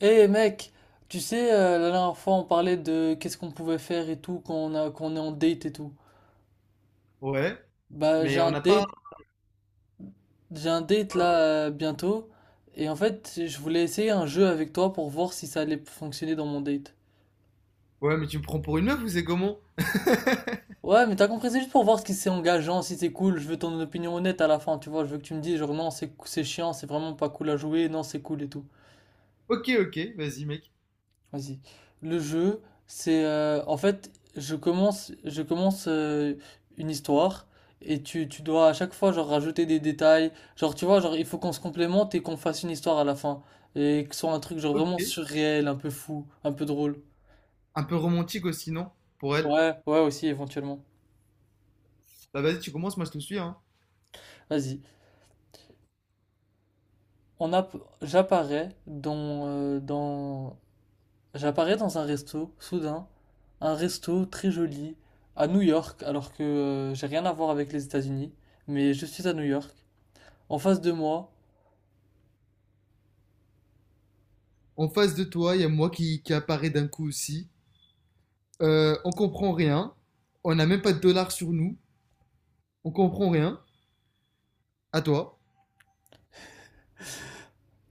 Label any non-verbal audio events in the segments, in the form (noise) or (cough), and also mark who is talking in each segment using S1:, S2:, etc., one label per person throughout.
S1: Eh mec, tu sais, la dernière fois on parlait de qu'est-ce qu'on pouvait faire et tout quand quand on est en date et tout.
S2: Ouais,
S1: Bah j'ai
S2: mais on
S1: un
S2: n'a pas.
S1: date, j'ai un date là bientôt et en fait je voulais essayer un jeu avec toi pour voir si ça allait fonctionner dans mon date.
S2: Ouais, mais tu me prends pour une meuf ou c'est comment?
S1: Ouais mais t'as compris, c'est juste pour voir si c'est engageant, si c'est cool, je veux ton opinion honnête à la fin, tu vois, je veux que tu me dises genre non c'est chiant, c'est vraiment pas cool à jouer, non c'est cool et tout.
S2: Ok, ok, vas-y, mec.
S1: Vas-y. Le jeu, c'est en fait, je commence une histoire et tu dois à chaque fois genre rajouter des détails. Genre tu vois, genre il faut qu'on se complémente et qu'on fasse une histoire à la fin et que ce soit un truc genre
S2: Ok.
S1: vraiment surréel, un peu fou, un peu drôle.
S2: Un peu romantique aussi, non? Pour elle.
S1: Ouais, ouais aussi éventuellement.
S2: Bah, vas-y, tu commences, moi je te suis, hein.
S1: Vas-y. On a, j'apparais dans J'apparais dans un resto, soudain, un resto très joli, à New York, alors que j'ai rien à voir avec les États-Unis, mais je suis à New York. En face de moi,
S2: En face de toi, il y a moi qui apparaît d'un coup aussi. On comprend rien. On n'a même pas de dollars sur nous. On comprend rien. À toi.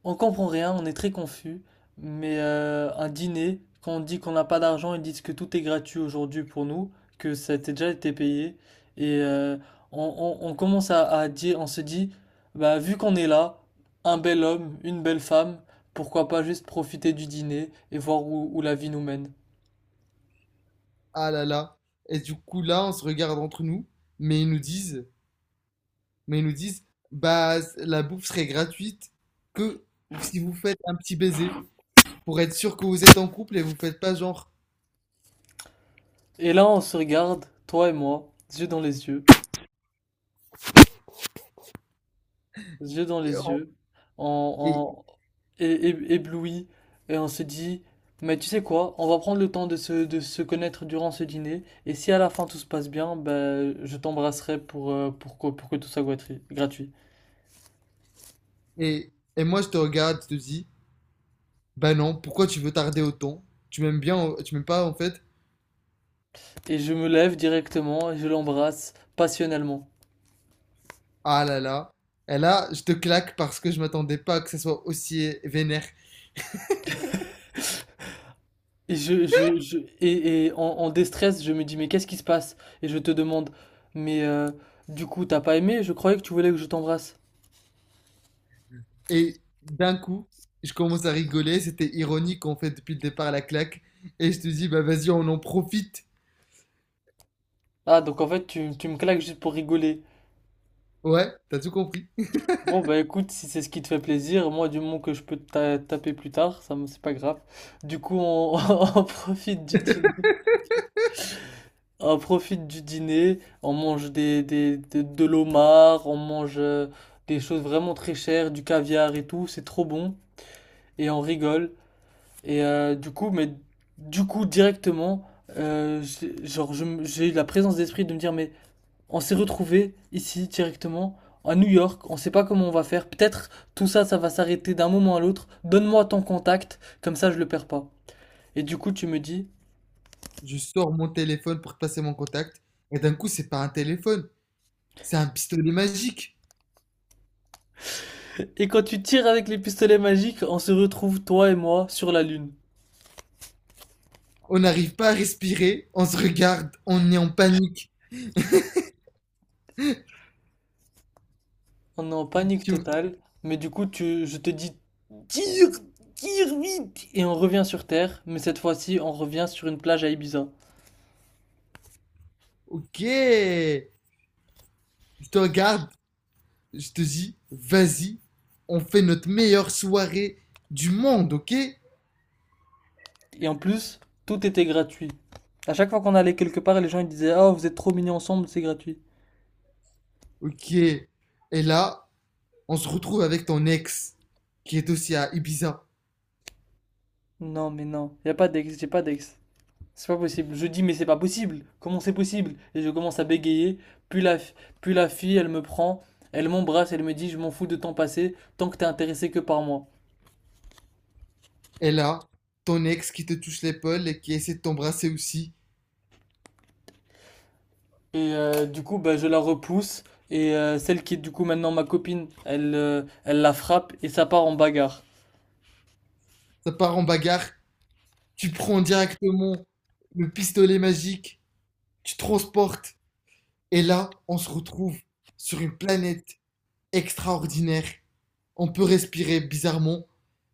S1: on comprend rien, on est très confus, mais un dîner, quand on dit qu'on n'a pas d'argent, ils disent que tout est gratuit aujourd'hui pour nous, que déjà été payé, et on commence à dire, on se dit, bah vu qu'on est là, un bel homme, une belle femme, pourquoi pas juste profiter du dîner et voir où la vie nous mène.
S2: Ah là là. Et du coup, là, on se regarde entre nous. Mais ils nous disent, mais ils nous disent, bah, la bouffe serait gratuite que si vous faites un petit baiser. Pour être sûr que vous êtes en couple et vous faites pas genre.
S1: Et là, on se regarde, toi et moi, yeux dans les yeux, yeux dans les yeux,
S2: Et,
S1: en, en é- ébloui, et on se dit, mais tu sais quoi, on va prendre le temps de de se connaître durant ce dîner, et si à la fin tout se passe bien, ben, je t'embrasserai pour que tout soit gratuit, gratuit.
S2: et, et moi, je te regarde, je te dis, bah non, pourquoi tu veux tarder autant? Tu m'aimes bien, tu m'aimes pas en fait?
S1: Et je me lève directement, et je l'embrasse passionnellement.
S2: Ah là là. Et là, je te claque parce que je m'attendais pas que ça soit aussi vénère.
S1: Et en déstress, je me dis, mais qu'est-ce qui se passe? Et je te demande, mais du coup, t'as pas aimé? Je croyais que tu voulais que je t'embrasse.
S2: Et d'un coup, je commence à rigoler, c'était ironique en fait depuis le départ la claque. Et je te dis, bah vas-y, on en profite.
S1: Ah, donc en fait, tu me claques juste pour rigoler.
S2: Ouais, t'as tout compris.
S1: Bon, bah écoute, si c'est ce qui te fait plaisir, moi, du moment que je peux taper plus tard, c'est pas grave. Du coup, on, (laughs) on profite du dîner. On profite du dîner, on mange de l'homard, on mange des choses vraiment très chères, du caviar et tout, c'est trop bon. Et on rigole. Et du coup, directement, j'ai eu la présence d'esprit de me dire, mais. On s'est retrouvé ici directement à New York. On ne sait pas comment on va faire. Peut-être tout ça, ça va s'arrêter d'un moment à l'autre. Donne-moi ton contact, comme ça je le perds pas. Et du coup, tu me dis.
S2: Je sors mon téléphone pour te passer mon contact. Et d'un coup, c'est pas un téléphone, c'est un pistolet magique.
S1: Et quand tu tires avec les pistolets magiques, on se retrouve toi et moi sur la lune.
S2: On n'arrive pas à respirer, on se regarde, on est en panique.
S1: On est en panique
S2: Tu,
S1: totale. Mais du coup, je te dis tire, tire vite. Et on revient sur Terre. Mais cette fois-ci, on revient sur une plage à Ibiza.
S2: Ok. Je te regarde, je te dis, vas-y, on fait notre meilleure soirée du monde, ok?
S1: Et en plus, tout était gratuit. À chaque fois qu'on allait quelque part, les gens ils disaient ah oh, vous êtes trop mignons ensemble, c'est gratuit.
S2: Ok. Et là, on se retrouve avec ton ex, qui est aussi à Ibiza.
S1: Non, mais non. Y a pas d'ex, j'ai pas d'ex. C'est pas possible. Je dis, mais c'est pas possible. Comment c'est possible? Et je commence à bégayer. Puis la, fi- puis la fille, elle me prend, elle m'embrasse, elle me dit, je m'en fous de temps passé, tant que t'es intéressé que par moi.
S2: Et là, ton ex qui te touche l'épaule et qui essaie de t'embrasser aussi.
S1: Et du coup, bah, je la repousse. Et celle qui est du coup maintenant ma copine, elle, elle la frappe et ça part en bagarre.
S2: Ça part en bagarre. Tu prends directement le pistolet magique. Tu transportes. Et là, on se retrouve sur une planète extraordinaire. On peut respirer bizarrement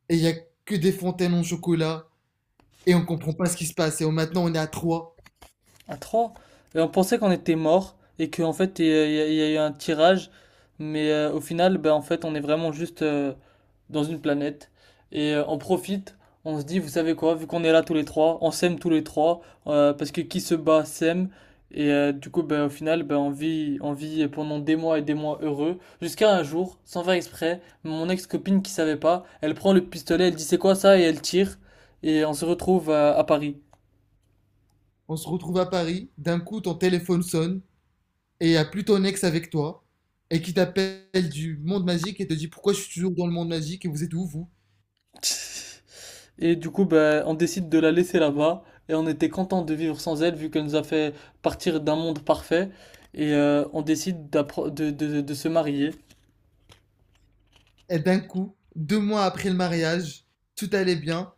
S2: et il n'y a que des fontaines en chocolat et on comprend pas ce qui se passe. Et maintenant, on est à trois.
S1: À trois. Et on pensait qu'on était mort et qu'en fait, il y a eu un tirage. Mais au final, bah, en fait, on est vraiment juste dans une planète et on profite. On se dit, vous savez quoi, vu qu'on est là tous les trois, on s'aime tous les trois parce que qui se bat s'aime. Et du coup, ben, au final, ben, on vit pendant des mois et des mois heureux. Jusqu'à un jour, sans faire exprès, mon ex-copine qui savait pas, elle prend le pistolet, elle dit c'est quoi ça et elle tire. Et on se retrouve à Paris.
S2: On se retrouve à Paris. D'un coup, ton téléphone sonne et il n'y a plus ton ex avec toi et qui t'appelle du monde magique et te dit pourquoi je suis toujours dans le monde magique et vous êtes où vous.
S1: (laughs) Et du coup, ben, on décide de la laisser là-bas. Et on était content de vivre sans elle, vu qu'elle nous a fait partir d'un monde parfait. Et on décide de se marier.
S2: Et d'un coup, 2 mois après le mariage, tout allait bien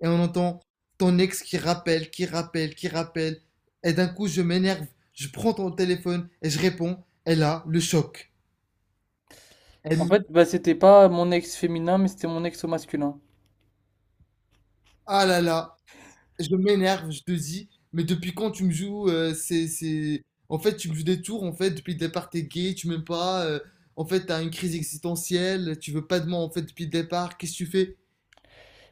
S2: et on entend ton ex qui rappelle, qui rappelle, qui rappelle. Et d'un coup, je m'énerve, je prends ton téléphone et je réponds. Et là, le choc. Elle
S1: En
S2: me-
S1: fait, ben, c'était pas mon ex féminin, mais c'était mon ex au masculin.
S2: Ah là là, je m'énerve, je te dis, mais depuis quand tu me joues c'est... En fait, tu me joues des tours, en fait, depuis le départ, t'es gay, tu m'aimes pas, en fait, t'as une crise existentielle, tu veux pas de moi, en fait, depuis le départ, qu'est-ce que tu fais?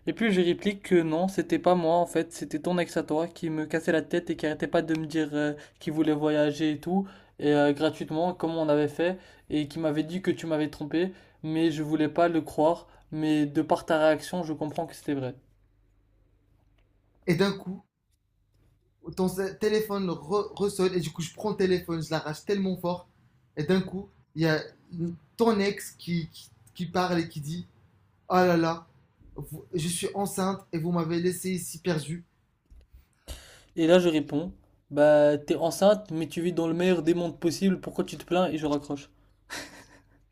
S1: Et puis je réplique que non, c'était pas moi en fait, c'était ton ex à toi qui me cassait la tête et qui arrêtait pas de me dire qu'il voulait voyager et tout, et gratuitement, comme on avait fait, et qui m'avait dit que tu m'avais trompé, mais je voulais pas le croire, mais de par ta réaction, je comprends que c'était vrai.
S2: Et d'un coup, ton téléphone ressonne, et du coup, je prends le téléphone, je l'arrache tellement fort, et d'un coup, il y a ton ex qui parle et qui dit, ah là là, je suis enceinte et vous m'avez laissé ici perdu.
S1: Et là, je réponds, bah, t'es enceinte, mais tu vis dans le meilleur des mondes possible, pourquoi tu te plains? Et je raccroche.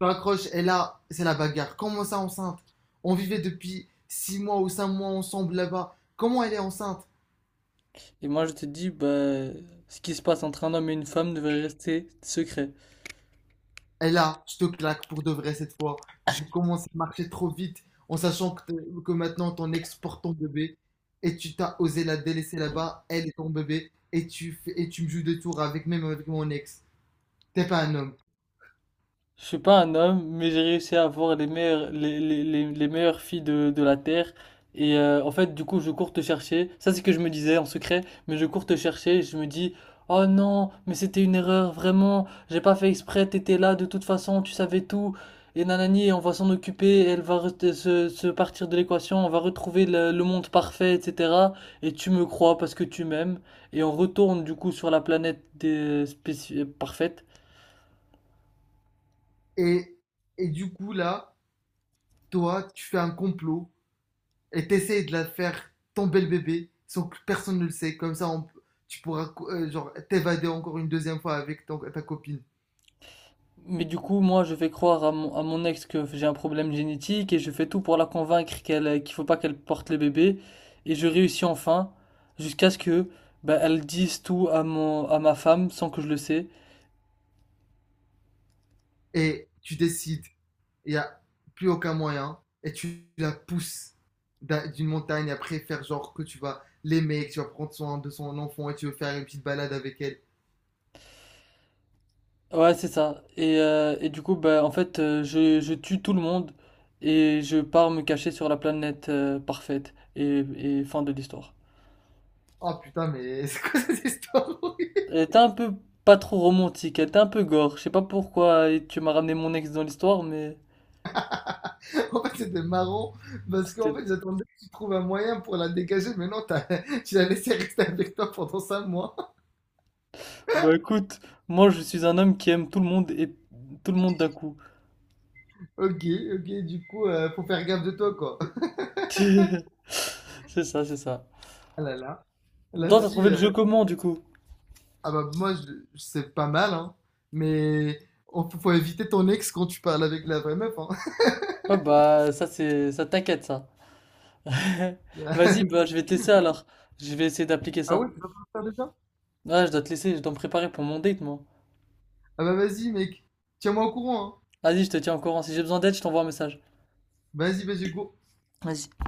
S2: M'accroche, et là, c'est la bagarre. Comment ça, enceinte? On vivait depuis 6 mois ou 5 mois ensemble là-bas. Comment elle est enceinte?
S1: Et moi, je te dis, bah, ce qui se passe entre un homme et une femme devrait rester secret.
S2: Et là, je te claque pour de vrai cette fois. Je commence à marcher trop vite en sachant que, que maintenant ton ex porte ton bébé et tu t'as osé la délaisser là-bas, elle est ton bébé et et tu me joues des tours avec même avec mon ex. T'es pas un homme.
S1: Je suis pas un homme, mais j'ai réussi à avoir les meilleures filles de la Terre. Et en fait, du coup, je cours te chercher. Ça, c'est ce que je me disais en secret, mais je cours te chercher et je me dis, oh non, mais c'était une erreur, vraiment. J'ai pas fait exprès, t'étais là de toute façon, tu savais tout. Et nanani, et on va s'en occuper, et elle va se partir de l'équation, on va retrouver le monde parfait, etc. Et tu me crois parce que tu m'aimes. Et on retourne du coup sur la planète des spéci- parfaite.
S2: Et, et du coup là, toi, tu fais un complot et t'essayes de la faire tomber le bébé sans que personne ne le sait. Comme ça, tu pourras genre t'évader encore une deuxième fois avec ta copine.
S1: Mais du coup, moi, je fais croire à à mon ex que j'ai un problème génétique et je fais tout pour la convaincre qu'elle, qu'il faut pas qu'elle porte le bébé. Et je réussis enfin, jusqu'à ce que bah, elle dise tout à à ma femme sans que je le sais.
S2: Et tu décides, il n'y a plus aucun moyen, et tu la pousses d'une montagne après faire genre que tu vas l'aimer, que tu vas prendre soin de son enfant et tu veux faire une petite balade avec elle.
S1: Ouais, c'est ça. Et, du coup, bah, en fait, je tue tout le monde et je pars me cacher sur la planète parfaite. Et fin de l'histoire.
S2: Oh putain, mais (laughs) c'est quoi cette histoire? (laughs)
S1: Elle était un peu pas trop romantique, elle était un peu gore. Je sais pas pourquoi et tu m'as ramené mon ex dans l'histoire, mais
S2: En fait, c'était marrant parce qu'en
S1: c'était.
S2: fait, j'attendais que tu trouves un moyen pour la dégager, mais non, (laughs) tu l'as laissé rester avec toi pendant 5 mois.
S1: Bah écoute, moi je suis un homme qui aime tout le monde et tout le monde d'un coup.
S2: Ok, ok, du coup, faut faire gaffe de toi, quoi. (laughs)
S1: (laughs) C'est ça, c'est ça.
S2: Ah là là. La
S1: Donc t'as
S2: fille,
S1: trouvé le jeu comment du coup?
S2: ah bah moi, c'est pas mal, hein. Mais faut éviter ton ex quand tu parles avec la vraie meuf, hein.
S1: Ouais bah ça c'est ça t'inquiète ça. (laughs) Vas-y bah
S2: (laughs)
S1: je vais te laisser alors. Je vais essayer d'appliquer
S2: Ah ouais,
S1: ça.
S2: tu vas pas me faire déjà?
S1: Ouais je dois te laisser, je dois me préparer pour mon date moi.
S2: Ah bah vas-y, mec. Tiens-moi au courant, hein.
S1: Vas-y je te tiens au courant. Si j'ai besoin d'aide, je t'envoie un message.
S2: Vas-y, vas-y, go.
S1: Vas-y.